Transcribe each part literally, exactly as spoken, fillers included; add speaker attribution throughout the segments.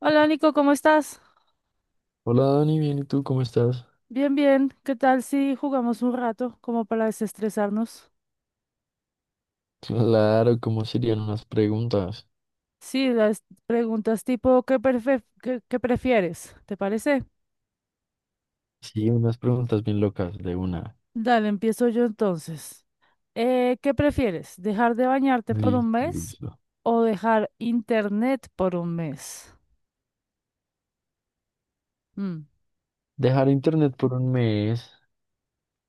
Speaker 1: Hola Nico, ¿cómo estás?
Speaker 2: Hola Dani, bien, ¿y tú cómo estás?
Speaker 1: Bien, bien. ¿Qué tal si jugamos un rato como para desestresarnos?
Speaker 2: Claro, ¿cómo serían unas preguntas?
Speaker 1: Sí, las preguntas tipo ¿qué, prefe- qué- qué prefieres? ¿Te parece?
Speaker 2: Sí, unas preguntas bien locas de una.
Speaker 1: Dale, empiezo yo entonces. Eh, ¿qué prefieres? ¿Dejar de bañarte por
Speaker 2: Li-
Speaker 1: un mes
Speaker 2: Listo.
Speaker 1: o dejar internet por un mes? Mm,
Speaker 2: Dejar internet por un mes.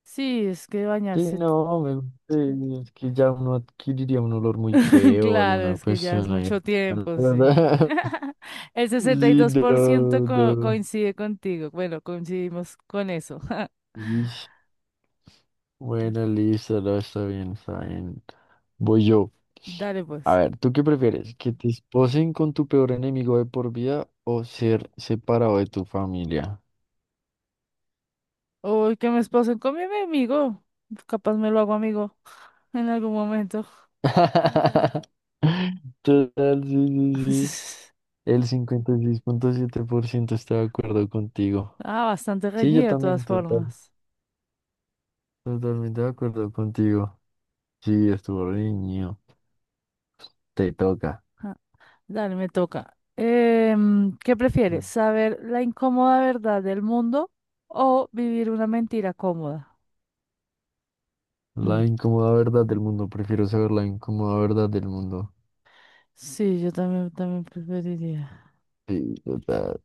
Speaker 1: Sí, es que
Speaker 2: Sí,
Speaker 1: bañarse.
Speaker 2: no, me, eh, es que ya uno adquiriría un olor muy feo o
Speaker 1: Claro,
Speaker 2: alguna
Speaker 1: es que ya es
Speaker 2: cuestión ahí.
Speaker 1: mucho tiempo, sí. El
Speaker 2: Sí,
Speaker 1: sesenta y dos por ciento
Speaker 2: no,
Speaker 1: co-
Speaker 2: no.
Speaker 1: coincide contigo. Bueno, coincidimos con eso.
Speaker 2: Ish. Bueno, listo, no, está bien, está bien. Voy yo.
Speaker 1: Dale,
Speaker 2: A
Speaker 1: pues.
Speaker 2: ver, ¿tú qué prefieres? ¿Que te esposen con tu peor enemigo de por vida o ser separado de tu familia?
Speaker 1: Uy, que me esposen con mi amigo. Capaz me lo hago amigo en algún momento.
Speaker 2: Total, sí, sí, sí. El cincuenta y seis punto siete por ciento está de acuerdo contigo.
Speaker 1: Ah, bastante
Speaker 2: Sí, yo
Speaker 1: reñido de
Speaker 2: también,
Speaker 1: todas
Speaker 2: total.
Speaker 1: formas.
Speaker 2: Totalmente de acuerdo contigo. Sí, estuvo niño. Te toca.
Speaker 1: Ah, dale, me toca. Em, ¿qué prefieres?
Speaker 2: Mm.
Speaker 1: ¿Saber la incómoda verdad del mundo o vivir una mentira cómoda? Mm,
Speaker 2: La incómoda verdad del mundo. Prefiero saber la incómoda verdad del mundo.
Speaker 1: Sí, yo también, también preferiría.
Speaker 2: Sí, total.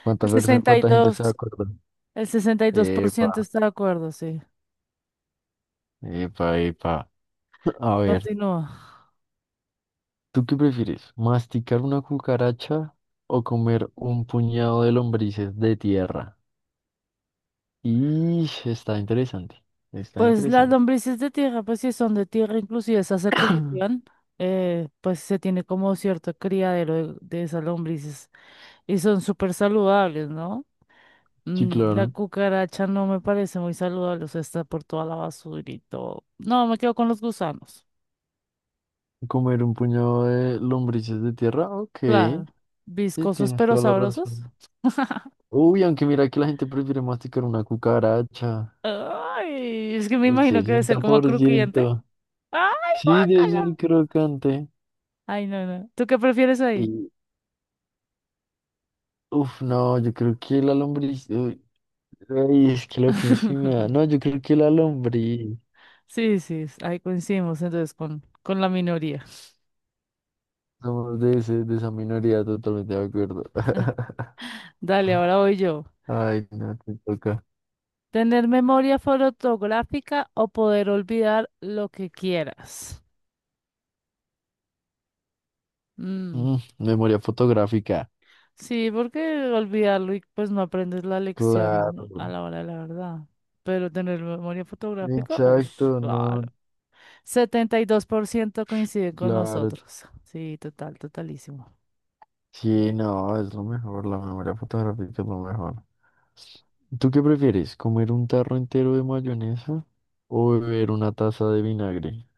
Speaker 2: ¿Cuánta
Speaker 1: El
Speaker 2: perso-
Speaker 1: sesenta y
Speaker 2: cuánta gente está de
Speaker 1: dos
Speaker 2: acuerdo?
Speaker 1: el sesenta y dos por ciento
Speaker 2: Epa,
Speaker 1: está de acuerdo, sí.
Speaker 2: epa, epa. A ver,
Speaker 1: Continúa.
Speaker 2: ¿tú qué prefieres? ¿Masticar una cucaracha o comer un puñado de lombrices de tierra? Y está interesante, está
Speaker 1: Pues las
Speaker 2: interesante.
Speaker 1: lombrices de tierra, pues si son de tierra, inclusive esas se cultivan, eh, pues se tiene como cierto criadero de, de esas lombrices y son súper saludables, ¿no?
Speaker 2: Sí,
Speaker 1: Mm, La
Speaker 2: claro.
Speaker 1: cucaracha no me parece muy saludable, o sea, está por toda la basura y todo. No, me quedo con los gusanos.
Speaker 2: Comer un puñado de lombrices de tierra, ok.
Speaker 1: Claro,
Speaker 2: Sí,
Speaker 1: viscosos
Speaker 2: tienes
Speaker 1: pero
Speaker 2: toda la
Speaker 1: sabrosos.
Speaker 2: razón. Uy, aunque mira que la gente prefiere masticar una cucaracha.
Speaker 1: Ay, es que me
Speaker 2: El
Speaker 1: imagino que debe ser
Speaker 2: sesenta
Speaker 1: como
Speaker 2: por
Speaker 1: crujiente.
Speaker 2: ciento
Speaker 1: ¡Ay,
Speaker 2: Sí, debe
Speaker 1: guácala!
Speaker 2: ser crocante.
Speaker 1: Ay, no, no. ¿Tú qué prefieres ahí?
Speaker 2: Uf, no, yo creo que la lombriz. Uy, ay, es que lo pienso y me da. No, yo creo que la lombriz.
Speaker 1: Sí, sí, ahí coincidimos entonces con, con, la minoría.
Speaker 2: Somos de, ese, de esa minoría, totalmente de acuerdo.
Speaker 1: Dale, ahora voy yo.
Speaker 2: Ay, no, te toca.
Speaker 1: ¿Tener memoria fotográfica o poder olvidar lo que quieras? Mm,
Speaker 2: Mm, memoria fotográfica.
Speaker 1: Sí, porque olvidarlo y pues no aprendes la lección a
Speaker 2: Claro.
Speaker 1: la hora de la verdad. Pero tener memoria fotográfica, uff,
Speaker 2: Exacto,
Speaker 1: claro.
Speaker 2: no,
Speaker 1: setenta y dos por ciento coinciden con
Speaker 2: claro.
Speaker 1: nosotros. Sí, total, totalísimo.
Speaker 2: Sí, no, es lo mejor. La memoria fotográfica es lo mejor. ¿Tú qué prefieres? ¿Comer un tarro entero de mayonesa o beber una taza de vinagre?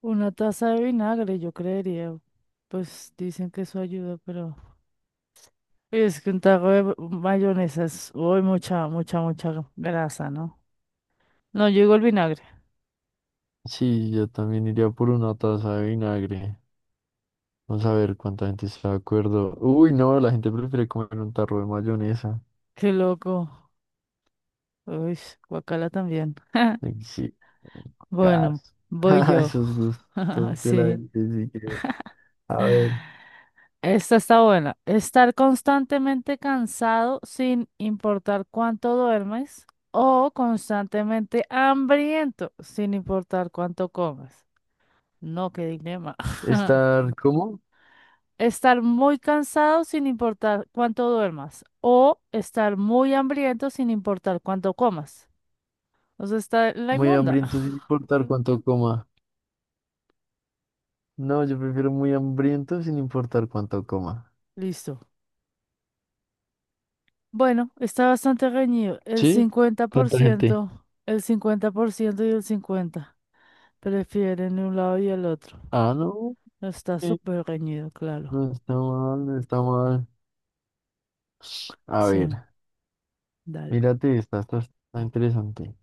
Speaker 1: Una taza de vinagre, yo creería. Pues dicen que eso ayuda, pero es que un taco de mayonesa es uy, mucha, mucha, mucha grasa, ¿no? No, yo digo el vinagre.
Speaker 2: Sí, yo también iría por una taza de vinagre. Vamos a ver cuánta gente está de acuerdo. Uy, no, la gente prefiere comer un tarro de mayonesa.
Speaker 1: Qué loco. Uy, guacala también.
Speaker 2: Ay, sí,
Speaker 1: Bueno,
Speaker 2: gas.
Speaker 1: voy yo.
Speaker 2: Esos gustos de la
Speaker 1: Sí,
Speaker 2: gente, sí que- A ver,
Speaker 1: esta está buena. Estar constantemente cansado sin importar cuánto duermes o constantemente hambriento sin importar cuánto comes. No, qué dilema.
Speaker 2: estar, ¿cómo?
Speaker 1: Estar muy cansado sin importar cuánto duermas o estar muy hambriento sin importar cuánto comas. O sea, está la
Speaker 2: Muy
Speaker 1: inmunda.
Speaker 2: hambriento sin importar cuánto coma. No, yo prefiero muy hambriento sin importar cuánto coma.
Speaker 1: Listo. Bueno, está bastante reñido. El
Speaker 2: ¿Sí?
Speaker 1: cincuenta por
Speaker 2: ¿Cuánta gente?
Speaker 1: ciento, el cincuenta por ciento y el cincuenta por ciento prefieren un lado y el otro.
Speaker 2: Ah, no,
Speaker 1: No, está
Speaker 2: eh,
Speaker 1: súper reñido, claro.
Speaker 2: no está mal, no está mal. A
Speaker 1: Sí,
Speaker 2: ver,
Speaker 1: dale.
Speaker 2: mírate esta, esta está interesante.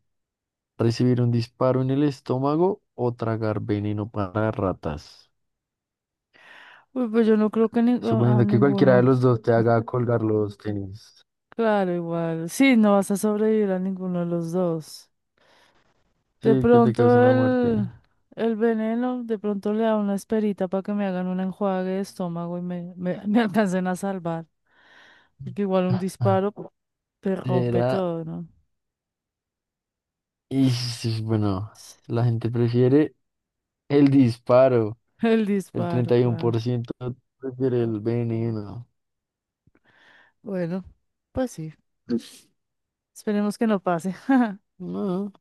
Speaker 2: Recibir un disparo en el estómago o tragar veneno para ratas.
Speaker 1: Uy, pues yo no creo que ni- a
Speaker 2: Suponiendo que cualquiera de
Speaker 1: ninguno.
Speaker 2: los dos te haga colgar los tenis.
Speaker 1: Claro, igual. Sí, no vas a sobrevivir a ninguno de los dos. De
Speaker 2: Sí, que te
Speaker 1: pronto
Speaker 2: causen la muerte.
Speaker 1: el, el veneno, de pronto le da una esperita para que me hagan un enjuague de estómago y me, me, me alcancen a salvar. Porque igual un disparo pu, te rompe
Speaker 2: Era,
Speaker 1: todo, ¿no?
Speaker 2: y sí, bueno, la gente prefiere el disparo.
Speaker 1: El
Speaker 2: El
Speaker 1: disparo,
Speaker 2: treinta y uno
Speaker 1: claro.
Speaker 2: por ciento prefiere el veneno.
Speaker 1: Bueno, pues sí. Esperemos que no pase.
Speaker 2: No.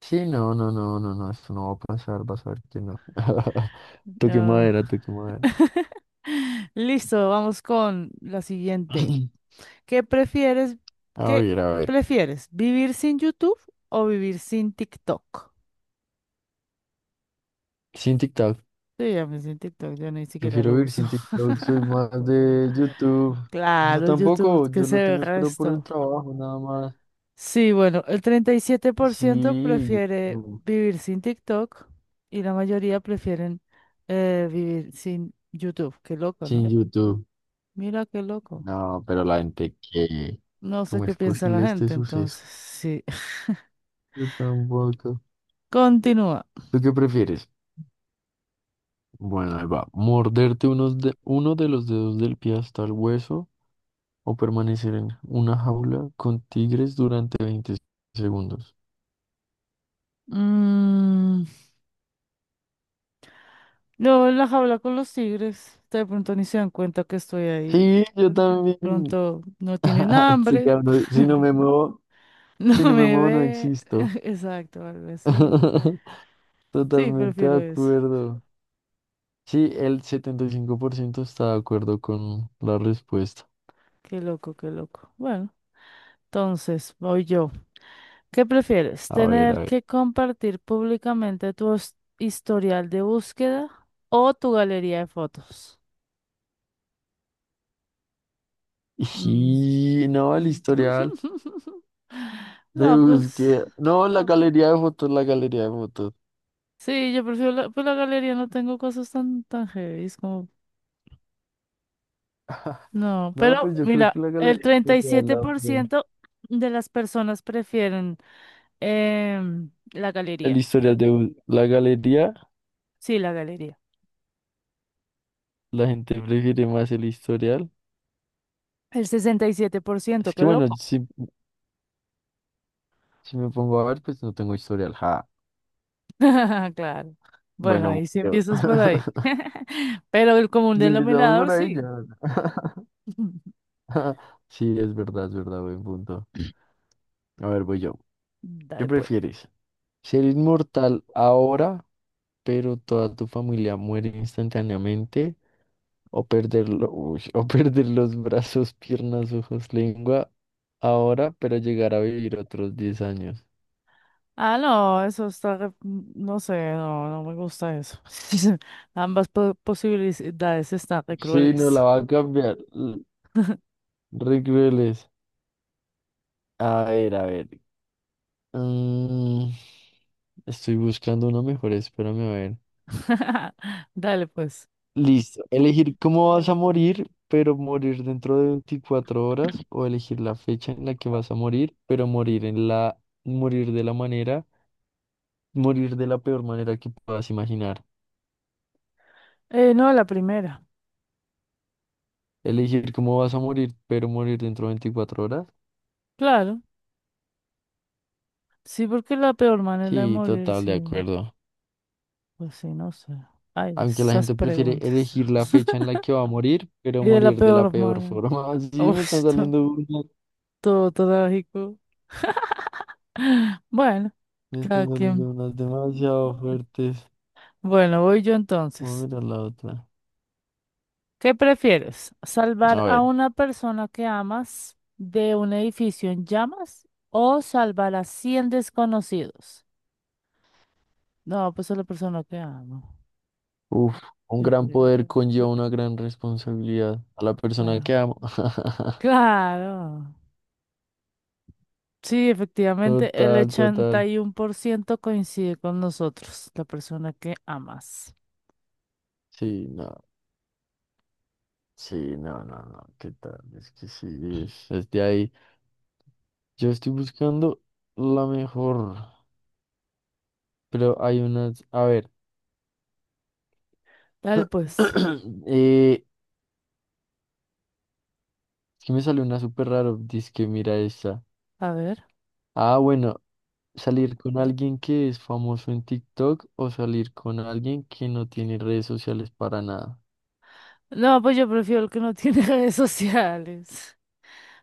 Speaker 2: Sí, no, no, no, no, no, esto no va a pasar, vas a ver que no. Toque
Speaker 1: Ah.
Speaker 2: madera, toque madera.
Speaker 1: Listo, vamos con la siguiente. ¿Qué prefieres?
Speaker 2: A
Speaker 1: ¿Qué
Speaker 2: ver, a ver.
Speaker 1: prefieres? ¿Vivir sin YouTube o vivir sin TikTok?
Speaker 2: Sin TikTok.
Speaker 1: Sí, a mí sin TikTok yo ni siquiera
Speaker 2: Prefiero
Speaker 1: lo
Speaker 2: vivir
Speaker 1: uso.
Speaker 2: sin TikTok, soy más de YouTube. Yo
Speaker 1: Claro, el YouTube,
Speaker 2: tampoco,
Speaker 1: que
Speaker 2: yo
Speaker 1: se
Speaker 2: lo
Speaker 1: ve el
Speaker 2: tengo espero por el
Speaker 1: resto.
Speaker 2: trabajo, nada más.
Speaker 1: Sí, bueno, el treinta y siete por ciento
Speaker 2: Sí,
Speaker 1: prefiere
Speaker 2: YouTube,
Speaker 1: vivir sin TikTok y la mayoría prefieren eh, vivir sin YouTube. Qué loco, ¿no?
Speaker 2: sin YouTube.
Speaker 1: Mira qué loco.
Speaker 2: No, pero la gente que...
Speaker 1: No sé
Speaker 2: ¿Cómo
Speaker 1: qué
Speaker 2: es
Speaker 1: piensa la
Speaker 2: posible este
Speaker 1: gente, entonces,
Speaker 2: suceso?
Speaker 1: sí.
Speaker 2: Yo tampoco.
Speaker 1: Continúa.
Speaker 2: ¿Tú qué prefieres? Bueno, ahí va. ¿Morderte unos de... uno de los dedos del pie hasta el hueso o permanecer en una jaula con tigres durante veinte segundos?
Speaker 1: Mm, luego en la jaula con los tigres, de pronto ni se dan cuenta que estoy ahí.
Speaker 2: Sí, yo también.
Speaker 1: Pronto no tienen
Speaker 2: Sí,
Speaker 1: hambre,
Speaker 2: cabrón, si no me muevo...
Speaker 1: no
Speaker 2: Si no me
Speaker 1: me
Speaker 2: muevo, no
Speaker 1: ve.
Speaker 2: existo.
Speaker 1: Exacto, algo así. Sí,
Speaker 2: Totalmente
Speaker 1: prefiero
Speaker 2: de
Speaker 1: eso.
Speaker 2: acuerdo. Sí, el setenta y cinco por ciento está de acuerdo con la respuesta.
Speaker 1: Qué loco, qué loco. Bueno, entonces voy yo. ¿Qué prefieres?
Speaker 2: A ver,
Speaker 1: ¿Tener
Speaker 2: a ver.
Speaker 1: que compartir públicamente tu his- historial de búsqueda o tu galería de fotos? Mm.
Speaker 2: Y no, el historial de
Speaker 1: No, pues
Speaker 2: búsqueda. No, la galería de fotos, la galería de fotos.
Speaker 1: sí, yo prefiero la, pues la galería, no tengo cosas tan, tan heavy, como... No,
Speaker 2: No,
Speaker 1: pero
Speaker 2: pues yo creo
Speaker 1: mira,
Speaker 2: que la
Speaker 1: el
Speaker 2: galería
Speaker 1: treinta
Speaker 2: de
Speaker 1: y siete
Speaker 2: la...
Speaker 1: por ciento de las personas prefieren em, la
Speaker 2: El
Speaker 1: galería.
Speaker 2: historial de bus- La galería,
Speaker 1: Sí, la galería.
Speaker 2: la gente prefiere más el historial.
Speaker 1: El sesenta y siete por ciento.
Speaker 2: Es
Speaker 1: Qué
Speaker 2: que bueno,
Speaker 1: loco.
Speaker 2: si, si me pongo a ver, pues no tengo historial. Ja.
Speaker 1: Claro. Bueno,
Speaker 2: Bueno,
Speaker 1: ahí sí
Speaker 2: yo.
Speaker 1: empiezas por ahí. Pero el común
Speaker 2: Si empezamos
Speaker 1: denominador,
Speaker 2: por ahí
Speaker 1: sí.
Speaker 2: ya. Sí, es verdad, es verdad, buen punto. A ver, voy yo. ¿Qué
Speaker 1: Dale pues.
Speaker 2: prefieres? ¿Ser inmortal ahora, pero toda tu familia muere instantáneamente? ¿O perderlo, uy, o perder los brazos, piernas, ojos, lengua ahora, pero llegar a vivir otros diez años?
Speaker 1: Ah, no, eso está, re- no sé, no, no me gusta eso. Ambas po- posibilidades están re
Speaker 2: Sí, no
Speaker 1: crueles.
Speaker 2: la va a cambiar. l- Re crueles. A ver, a ver. Mm, Estoy buscando una mejor, espérame a ver.
Speaker 1: Dale pues.
Speaker 2: Listo. Elegir cómo vas a morir, pero morir dentro de veinticuatro horas, o elegir la fecha en la que vas a morir, pero morir en la, morir de la manera, morir de la peor manera que puedas imaginar.
Speaker 1: Eh, no, la primera.
Speaker 2: Elegir cómo vas a morir, pero morir dentro de veinticuatro horas.
Speaker 1: Claro, sí, porque la peor manera de
Speaker 2: Sí,
Speaker 1: morir,
Speaker 2: total,
Speaker 1: sí,
Speaker 2: de acuerdo.
Speaker 1: pues sí, no sé. Ay,
Speaker 2: Aunque la
Speaker 1: esas
Speaker 2: gente prefiere
Speaker 1: preguntas.
Speaker 2: elegir la fecha en la que va a morir, pero
Speaker 1: Y de la
Speaker 2: morir de la
Speaker 1: peor
Speaker 2: peor
Speaker 1: manera.
Speaker 2: forma. Sí, me están
Speaker 1: Uf, todo,
Speaker 2: saliendo unas,
Speaker 1: todo trágico. Bueno,
Speaker 2: me
Speaker 1: cada
Speaker 2: están
Speaker 1: quien.
Speaker 2: saliendo unas demasiado fuertes.
Speaker 1: Bueno, voy yo
Speaker 2: Vamos a
Speaker 1: entonces.
Speaker 2: mirar la otra.
Speaker 1: ¿Qué prefieres? ¿Salvar
Speaker 2: A
Speaker 1: a
Speaker 2: ver.
Speaker 1: una persona que amas de un edificio en llamas o salvar a cien desconocidos? No, pues a la persona que amo.
Speaker 2: Uf, un
Speaker 1: Yo
Speaker 2: gran
Speaker 1: creo.
Speaker 2: poder conlleva una gran responsabilidad a la persona que
Speaker 1: Ah,
Speaker 2: amo.
Speaker 1: claro. Sí, efectivamente, el
Speaker 2: Total,
Speaker 1: ochenta
Speaker 2: total.
Speaker 1: y uno por ciento coincide con nosotros, la persona que amas.
Speaker 2: Sí, no, sí, no, no, no, ¿qué tal? Es que sí, es, es de ahí. Yo estoy buscando la mejor, pero hay unas, a ver,
Speaker 1: Dale, pues.
Speaker 2: eh, es que me salió una súper raro, dice que mira esta.
Speaker 1: A ver.
Speaker 2: Ah, bueno, salir con alguien que es famoso en TikTok o salir con alguien que no tiene redes sociales para nada.
Speaker 1: No, pues yo prefiero el que no tiene redes sociales.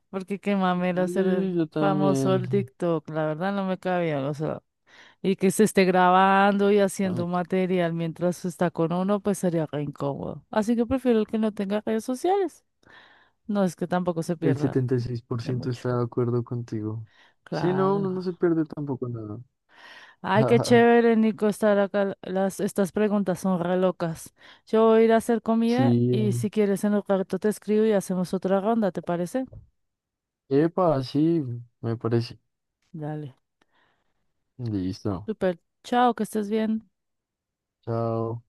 Speaker 1: Porque qué mamera ser
Speaker 2: Sí, yo
Speaker 1: famoso
Speaker 2: también.
Speaker 1: el TikTok, la verdad no me cabía, o sea, y que se esté grabando y haciendo material mientras está con uno, pues sería re incómodo. Así que prefiero el que no tenga redes sociales. No es que tampoco se
Speaker 2: El
Speaker 1: pierda
Speaker 2: setenta y seis por
Speaker 1: de
Speaker 2: ciento
Speaker 1: mucho.
Speaker 2: está de acuerdo contigo. Sí, no,
Speaker 1: Claro.
Speaker 2: uno no se pierde tampoco nada.
Speaker 1: Ay, qué chévere, Nico, estar acá. Las, estas preguntas son re locas. Yo voy a ir a hacer comida
Speaker 2: Sí,
Speaker 1: y si quieres en un rato te escribo y hacemos otra ronda, ¿te parece?
Speaker 2: epa, sí, me parece.
Speaker 1: Dale.
Speaker 2: Listo.
Speaker 1: Super. Chao, que estés bien.
Speaker 2: Chao.